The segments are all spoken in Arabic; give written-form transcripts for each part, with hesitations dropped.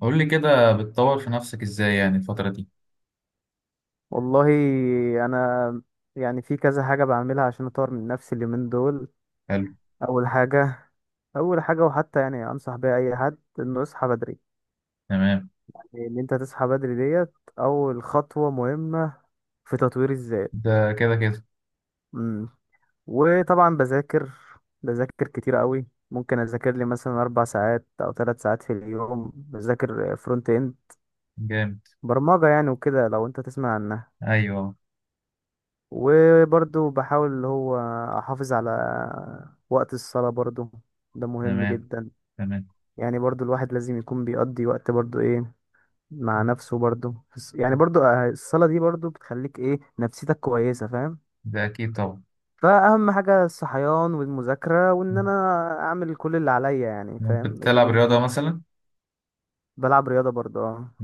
قول لي كده، بتطور في نفسك ازاي يعني الفترة دي؟ والله، انا في كذا حاجه بعملها عشان اطور من نفسي اليومين دول. حلو. اول حاجه اول حاجه، وحتى انصح بيها اي حد انه يصحى بدري. تمام. يعني ان انت تصحى بدري ديت اول خطوه مهمه في تطوير الذات. ده كده كده. امم وطبعا بذاكر كتير قوي. ممكن اذاكر لي مثلا 4 ساعات او 3 ساعات في اليوم، بذاكر فرونت اند، جامد. برمجه يعني وكده لو انت تسمع عنها. ايوه. وبرضو بحاول اللي هو احافظ على وقت الصلاة برضو، ده مهم تمام. جدا. تمام. يعني برضو الواحد لازم يكون بيقضي وقت برضو ايه مع نفسه، برضو في الص- يعني برضو آه، الصلاة دي برضو بتخليك ايه نفسيتك كويسة، فاهم. ده اكيد طبعا. فأهم حاجة الصحيان والمذاكرة وإن أنا أعمل كل اللي عليا، يعني فاهم، بتلعب اليومين رياضة دول. مثلا؟ بلعب رياضة برضو، اه.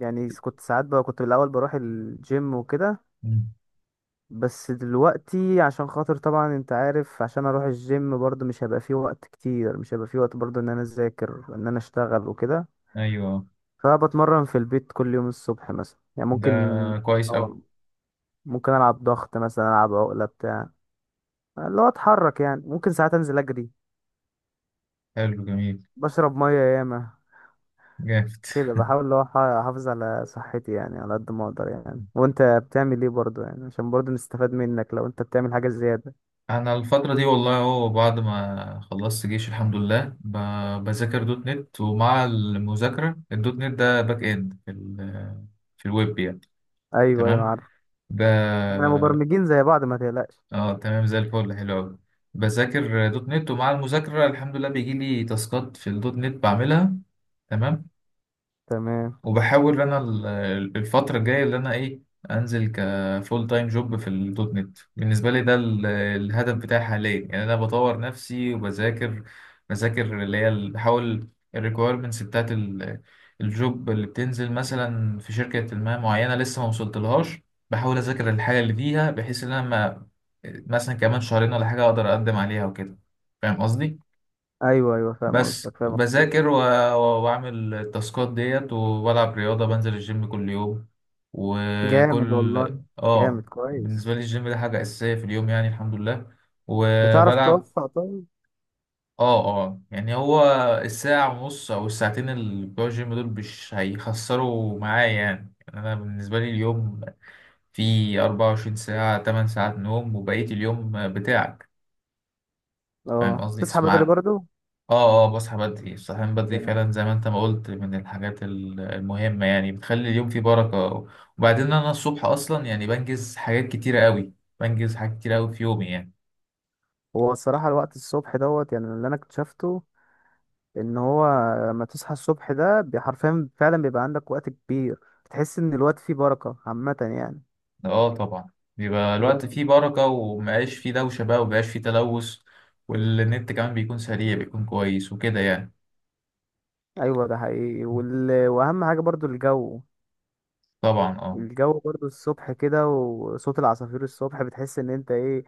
يعني كنت ساعات بقى، كنت الأول بروح الجيم وكده. مم. بس دلوقتي عشان خاطر طبعا انت عارف، عشان اروح الجيم برضه مش هيبقى فيه وقت كتير، مش هيبقى فيه وقت برضه ان انا اذاكر ان انا اشتغل وكده. ايوه. فبتمرن في البيت كل يوم الصبح مثلا، يعني ده كويس اوي. اه ممكن العب ضغط مثلا، العب عقلة بتاع، اللي هو اتحرك، يعني ممكن ساعات انزل اجري. حلو جميل. بشرب مية ياما جامد. كده، بحاول اللي هو احافظ على صحتي يعني على قد ما اقدر. يعني وانت بتعمل ايه برضه؟ يعني عشان برضه نستفاد منك لو انت بتعمل حاجة زيادة. انا الفترة دي والله اهو، بعد ما خلصت جيش الحمد لله بذاكر دوت نت، ومع المذاكرة الدوت نت ده باك اند في في الويب يعني. ايوه، ايوه، تمام. عارف. ب- احنا مبرمجين زي بعض، ما تقلقش. اه تمام زي الفل، حلو قوي. بذاكر دوت نت، ومع المذاكرة الحمد لله بيجي لي تاسكات في الدوت نت بعملها. تمام. تمام. وبحاول انا الفترة الجاية اللي انا ايه، انزل كفول تايم جوب في الدوت نت. بالنسبة لي ده الهدف بتاعي حاليا يعني، انا بطور نفسي وبذاكر. بذاكر اللي هي بحاول الريكويرمنتس بتاعت الجوب اللي بتنزل مثلا في شركة ما معينة لسه ما وصلتلهاش، بحاول اذاكر الحاجة اللي فيها، بحيث ان انا ما، مثلا كمان شهرين ولا حاجة اقدر اقدم عليها وكده. فاهم قصدي؟ ايوه، ايوه، فاهم بس قصدك، فاهم قصدك. بذاكر واعمل التاسكات ديت، وبلعب رياضة، بنزل الجيم كل يوم جامد وكل، والله. جامد اه. بالنسبة لي كويس. الجيم ده حاجة أساسية في اليوم يعني، الحمد لله. بتعرف وبلعب، توفق طيب؟ اه اه. يعني هو الساعة ونص أو الساعتين اللي بتوع الجيم دول مش هيخسروا معايا يعني. يعني أنا بالنسبة لي اليوم فيه 24 ساعة، 8 ساعات نوم وبقية اليوم بتاعك. فاهم اه، قصدي؟ تصحى بدري اسمع، برضو. اه اه، بصحى بدري. الصحيان بدري جامد. فعلا زي ما انت ما قلت، من الحاجات المهمة يعني، بتخلي اليوم فيه بركة. وبعدين انا الصبح اصلا يعني بنجز حاجات كتيرة قوي، بنجز حاجات كتيرة قوي في يومي يعني. هو الصراحه الوقت الصبح دوت، يعني اللي انا اكتشفته ان هو لما تصحى الصبح ده، حرفيا فعلا بيبقى عندك وقت كبير. بتحس ان الوقت فيه بركه عامه يعني. اه طبعا. بيبقى الوقت الوقت. فيه بركة، ومبقاش فيه دوشة بقى، ومبقاش فيه تلوث. والنت كمان بيكون سريع، بيكون كويس وكده يعني. ايوه، ده حقيقي. واهم حاجه برضو الجو. طبعا اه. الجو برضو الصبح كده، وصوت العصافير الصبح بتحس ان انت ايه،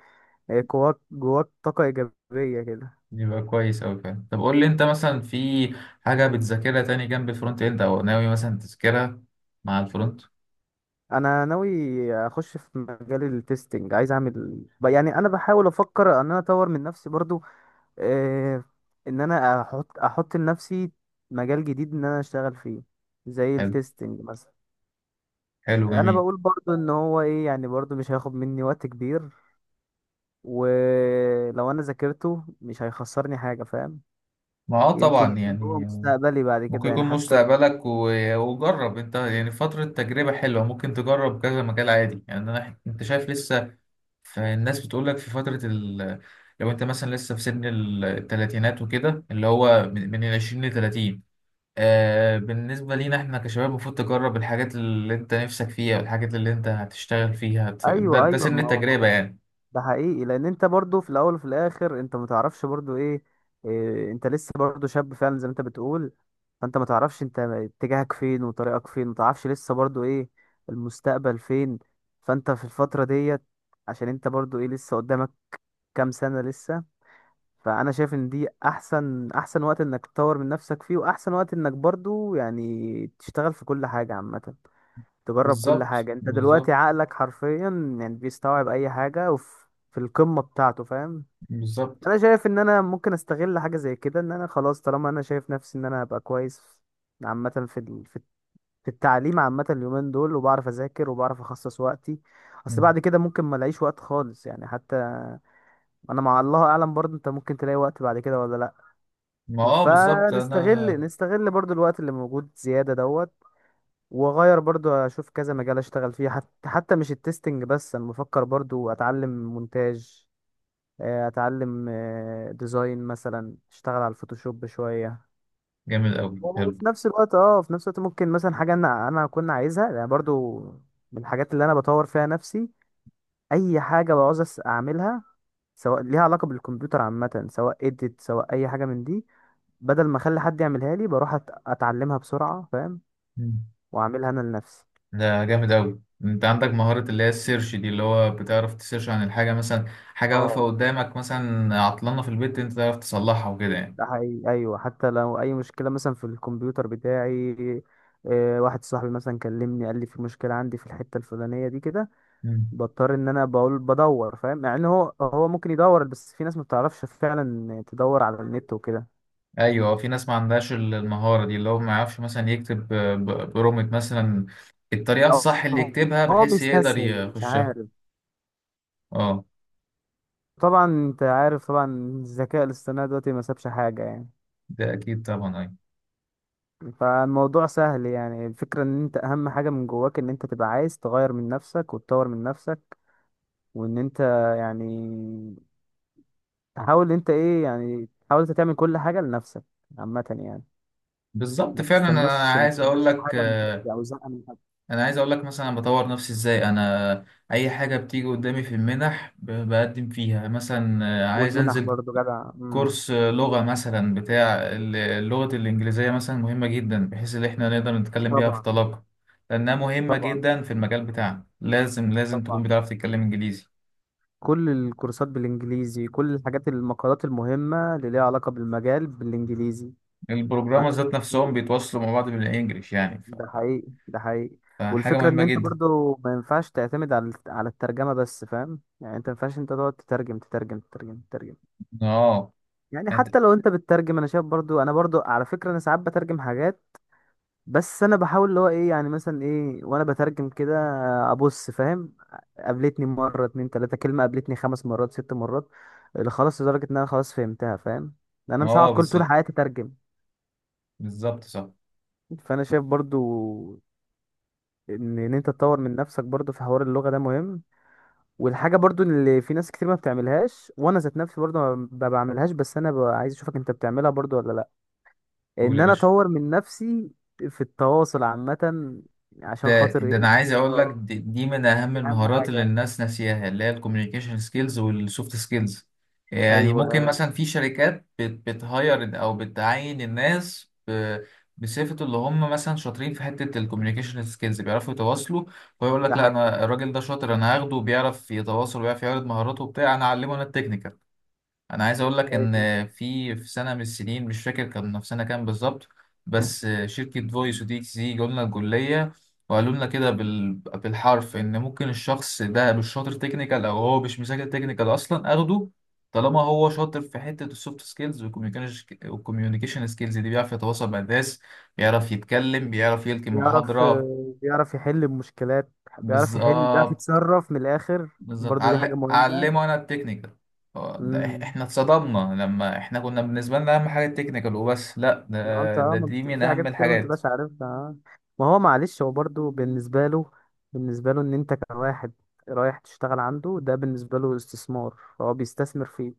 جواك طاقه ايجابيه كده. بيبقى كويس قوي فعلا. طب قول لي انت مثلا في حاجة بتذاكرها تاني جنب الفرونت اند، او ناوي مثلا تذاكرها مع الفرونت؟ انا ناوي اخش في مجال التستنج، عايز اعمل انا بحاول افكر ان انا اطور من نفسي برضو. آه، ان انا احط لنفسي مجال جديد ان انا اشتغل فيه، زي حلو. التستنج مثلا. حلو انا جميل. بقول برضو ان هو ايه، يعني برضو مش هياخد مني وقت كبير، ولو انا ذاكرته مش هيخسرني حاجة، فاهم. ما اه يمكن طبعا يكون يعني. هو مستقبلي بعد ممكن كده يعني يكون حتى. مستقبلك، وجرب انت يعني فترة تجربة حلوة، ممكن تجرب كذا مجال عادي يعني. انا انت شايف لسه، فالناس بتقولك في فترة لو انت مثلا لسه في سن التلاتينات وكده، اللي هو من العشرين لتلاتين. آه بالنسبة لينا احنا كشباب المفروض تجرب الحاجات اللي انت نفسك فيها، والحاجات اللي انت هتشتغل فيها. ده, ايوه، ده ايوه، سن ما هو التجربة يعني. ده حقيقي. لان انت برضو في الاول وفي الاخر انت ما تعرفش برضو ايه, إيه انت لسه برضو شاب فعلا زي ما انت بتقول. فانت ما تعرفش انت اتجاهك فين وطريقك فين، ما تعرفش لسه برضو ايه المستقبل فين. فانت في الفترة ديت، عشان انت برضو ايه لسه قدامك كام سنة لسه. فانا شايف ان دي احسن وقت انك تطور من نفسك فيه، واحسن وقت انك برضو يعني تشتغل في كل حاجة عامة، تجرب كل بالظبط. حاجة. انت دلوقتي بالظبط. عقلك حرفيا يعني بيستوعب اي حاجة، وفي القمة بتاعته، فاهم. بالظبط. انا شايف ان انا ممكن استغل حاجة زي كده، ان انا خلاص طالما انا شايف نفسي ان انا هبقى كويس عامة في ال- في في التعليم عامة اليومين دول، وبعرف اذاكر وبعرف اخصص وقتي. اصل مم. بعد كده ممكن ما الاقيش وقت خالص يعني حتى. انا مع الله اعلم برضه، انت ممكن تلاقي وقت بعد كده ولا لا. ما اه بالظبط فنستغل انا. نستغل برضه الوقت اللي موجود زيادة دوت. واغير برضو، اشوف كذا مجال اشتغل فيه، حتى مش التستنج بس. انا بفكر برضو اتعلم مونتاج، اتعلم ديزاين مثلا، اشتغل على الفوتوشوب شوية. جامد قوي. وفي نفس الوقت في نفس الوقت ممكن مثلا حاجة انا كنت عايزها، يعني برضو من الحاجات اللي انا بطور فيها نفسي. اي حاجة بعوز اعملها، سواء ليها علاقة بالكمبيوتر عامة، سواء اديت، سواء اي حاجة من دي، بدل ما اخلي حد يعملها لي بروح اتعلمها بسرعة، فاهم، مم. واعملها انا لنفسي. ده جامد أوي، أنت عندك مهارة اللي هي السيرش دي، اللي هو بتعرف تسيرش عن الحاجة مثلا، حاجة واقفة اه، قدامك مثلا عطلانة في البيت أنت تعرف تصلحها وكده يعني. ده حقيقي، ايوه. حتى لو اي مشكله مثلا في الكمبيوتر بتاعي، واحد صاحبي مثلا كلمني قال لي في مشكله عندي في الحته الفلانيه دي كده، مم. بضطر ان انا بقول بدور، فاهم، مع ان هو ممكن يدور، بس في ناس ما بتعرفش فعلا تدور على النت وكده، أيوة. في ناس ما عندهاش المهارة دي، اللي هو ما يعرفش مثلا يكتب برومت مثلا الطريقة او الصح اللي يكتبها هو بحيث يقدر بيستسهل مش يخشها. عارف. أه. طبعا انت عارف طبعا، الذكاء الاصطناعي دلوقتي ما سابش حاجه يعني. ده أكيد طبعا. أيوة. فالموضوع سهل. يعني الفكره ان انت اهم حاجه من جواك ان انت تبقى عايز تغير من نفسك وتطور من نفسك، وان انت يعني تحاول انت ايه، يعني تحاول انت تعمل كل حاجه لنفسك عامه يعني. بالظبط ما فعلا. أنا تستناش ما عايز تستناش أقول لك، حاجه من حد او زقه من حد. انا عايز اقول لك مثلا أنا بطور نفسي ازاي. انا اي حاجه بتيجي قدامي في المنح بقدم فيها مثلا. عايز والمنح انزل برضو جدع. كورس، لغه مثلا بتاع لغه الانجليزيه مثلا، مهمه جدا بحيث ان احنا نقدر نتكلم بيها في طبعا، طلاقه. لانها مهمه طبعا، جدا في المجال بتاعنا، لازم لازم تكون طبعا. بتعرف تتكلم انجليزي. كل الكورسات بالانجليزي، كل الحاجات، المقالات المهمه اللي ليها علاقه بالمجال بالانجليزي. ف- البروجرامر ذات نفسهم بيتواصلوا مع بعض بالانجليش يعني، ده حقيقي، ده حقيقي. فحاجه والفكره ان مهمه انت جدا. برضو ما ينفعش تعتمد على الترجمه بس، فاهم. يعني انت ما ينفعش انت تقعد تترجم تترجم تترجم تترجم. اه. يعني أنت-. حتى لو انت بتترجم، انا شايف برضو، انا برضو على فكرة، انا ساعات بترجم حاجات، بس انا بحاول اللي هو ايه، يعني مثلا ايه وانا بترجم كده ابص، فاهم. قابلتني مرة اتنين تلاتة كلمة، قابلتني 5 مرات 6 مرات اللي خلاص، لدرجة ان انا خلاص فهمتها، فاهم. لأن انا مش هقعد اه كل طول بالظبط. حياتي اترجم. بالظبط صح. فانا شايف برضو ان انت تطور من نفسك برضو في حوار اللغة ده، مهم. والحاجة برضو اللي في ناس كتير ما بتعملهاش، وانا ذات نفسي برضو ما بعملهاش، بس انا عايز اشوفك انت بتعملها برضو ولا لا، قول ان يا انا باشا. اطور من نفسي في التواصل عامة عشان ده خاطر ده انا ايه. عايز اقول لك، اه، دي, دي من اهم دي اهم المهارات اللي حاجة. الناس ناسياها، اللي هي الكوميونيكيشن سكيلز والسوفت سكيلز. يعني ممكن ايوه، مثلا في شركات بتهاير او بتعين الناس بصفة اللي هم مثلا شاطرين في حتة الكوميونيكيشن سكيلز، بيعرفوا يتواصلوا، ويقول ده لك لا حقيقي. انا الراجل ده شاطر، انا هاخده، وبيعرف يتواصل وبيعرف يعرض مهاراته وبتاع، انا اعلمه انا التكنيكال. انا عايز اقول لك ان في في سنه من السنين، مش فاكر كان في سنه كام بالظبط، بس شركه فويس ودي اكس دي جولنا الجوليه، وقالوا لنا كده بالحرف ان ممكن الشخص ده مش شاطر تكنيكال او هو مش مذاكر تكنيكال اصلا، اخده طالما هو شاطر في حته السوفت سكيلز والكوميونيكيشن سكيلز دي، بيعرف يتواصل مع الناس، بيعرف يتكلم، بيعرف يلقي بيعرف محاضره. بيعرف يحل المشكلات، بيعرف بالظبط. يتصرف من الاخر. بالظبط. برضو دي حاجة مهمة. علمه انا التكنيكال. هو ده، امم احنا اتصدمنا لما احنا كنا، بالنسبه لنا اهم حاجه التكنيكال وبس، لا، ما انت ده, ده دي من في حاجات اهم كتير ما الحاجات. انتبقاش عارفها، ما هو معلش، هو برضو بالنسبة له، ان انت كواحد رايح تشتغل عنده، ده بالنسبة له استثمار، فهو بيستثمر فيك،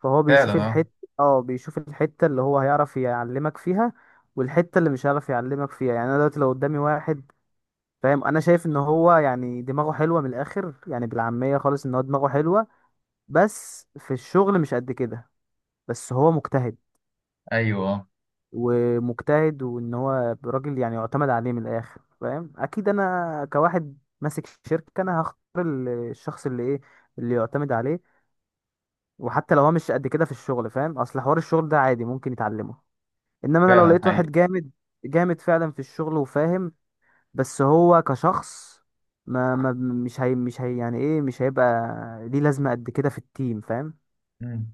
فهو فعلا بيشوف اه. الحتة. اه بيشوف الحتة اللي هو هيعرف يعلمك فيها، والحتة اللي مش هيعرف يعلمك فيها. يعني انا دلوقتي لو قدامي واحد، فاهم، انا شايف ان هو يعني دماغه حلوة من الاخر، يعني بالعامية خالص ان هو دماغه حلوة، بس في الشغل مش قد كده، بس هو مجتهد ايوه آه. ومجتهد، وان هو راجل يعني يعتمد عليه من الاخر، فاهم. اكيد انا كواحد ماسك شركة انا هختار الشخص اللي ايه، اللي يعتمد عليه، وحتى لو هو مش قد كده في الشغل، فاهم، اصل حوار الشغل ده عادي ممكن يتعلمه. انما انا لو فعلا. لقيت واحد جامد جامد فعلا في الشغل وفاهم، بس هو كشخص ما مش هي يعني ايه، مش هيبقى ليه لازمة قد كده في التيم، فاهم. حقيقي.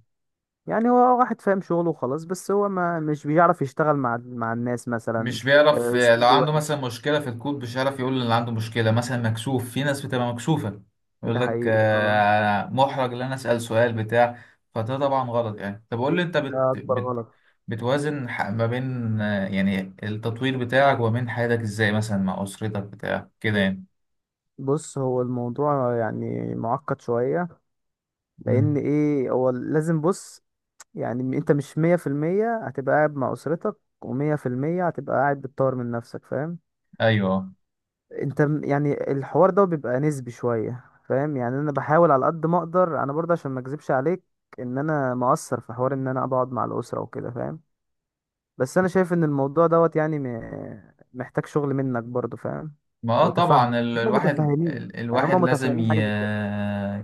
يعني هو واحد فاهم شغله وخلاص، بس هو ما مش بيعرف يشتغل مع الناس مثلا، مش بيعرف لو اسلوبه عنده مثلا وحش، مشكلة في الكود مش هيعرف يقول إن عنده مشكلة، مثلا مكسوف، في ناس بتبقى مكسوفة، يقول ده لك حقيقي. اه محرج إن أنا أسأل سؤال بتاع. فده طبعا غلط يعني. طب قول لي أنت بت ده اكبر بت غلط. بتوازن ما بين يعني التطوير بتاعك وما بين حياتك، إزاي مثلا مع أسرتك بتاع كده يعني؟ بص هو الموضوع يعني معقد شوية، لان مم. ايه هو لازم بص، يعني انت مش 100% هتبقى قاعد مع اسرتك، و100% هتبقى قاعد بتطور من نفسك، فاهم. أيوه. انت يعني الحوار ده بيبقى نسبي شوية، فاهم. يعني انا بحاول على قد ما اقدر، انا برضه عشان ما اكذبش عليك، ان انا مقصر في حوار ان انا بقعد مع الاسرة وكده، فاهم. بس انا شايف ان الموضوع دوت يعني محتاج شغل منك برضه، فاهم. ما اه وتفهم، طبعا. هم الواحد، متفاهمين، يعني الواحد هم لازم متفاهمين حاجة زي كده.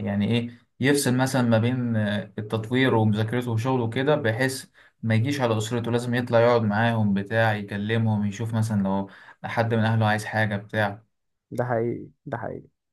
يعني ايه، يفصل مثلا ما بين التطوير ومذاكرته وشغله وكده، بحيث ما يجيش على اسرته. لازم يطلع يقعد معاهم بتاع يكلمهم، يشوف مثلا لو حد من اهله عايز حاجة بتاع ده حقيقي، ده حقيقي.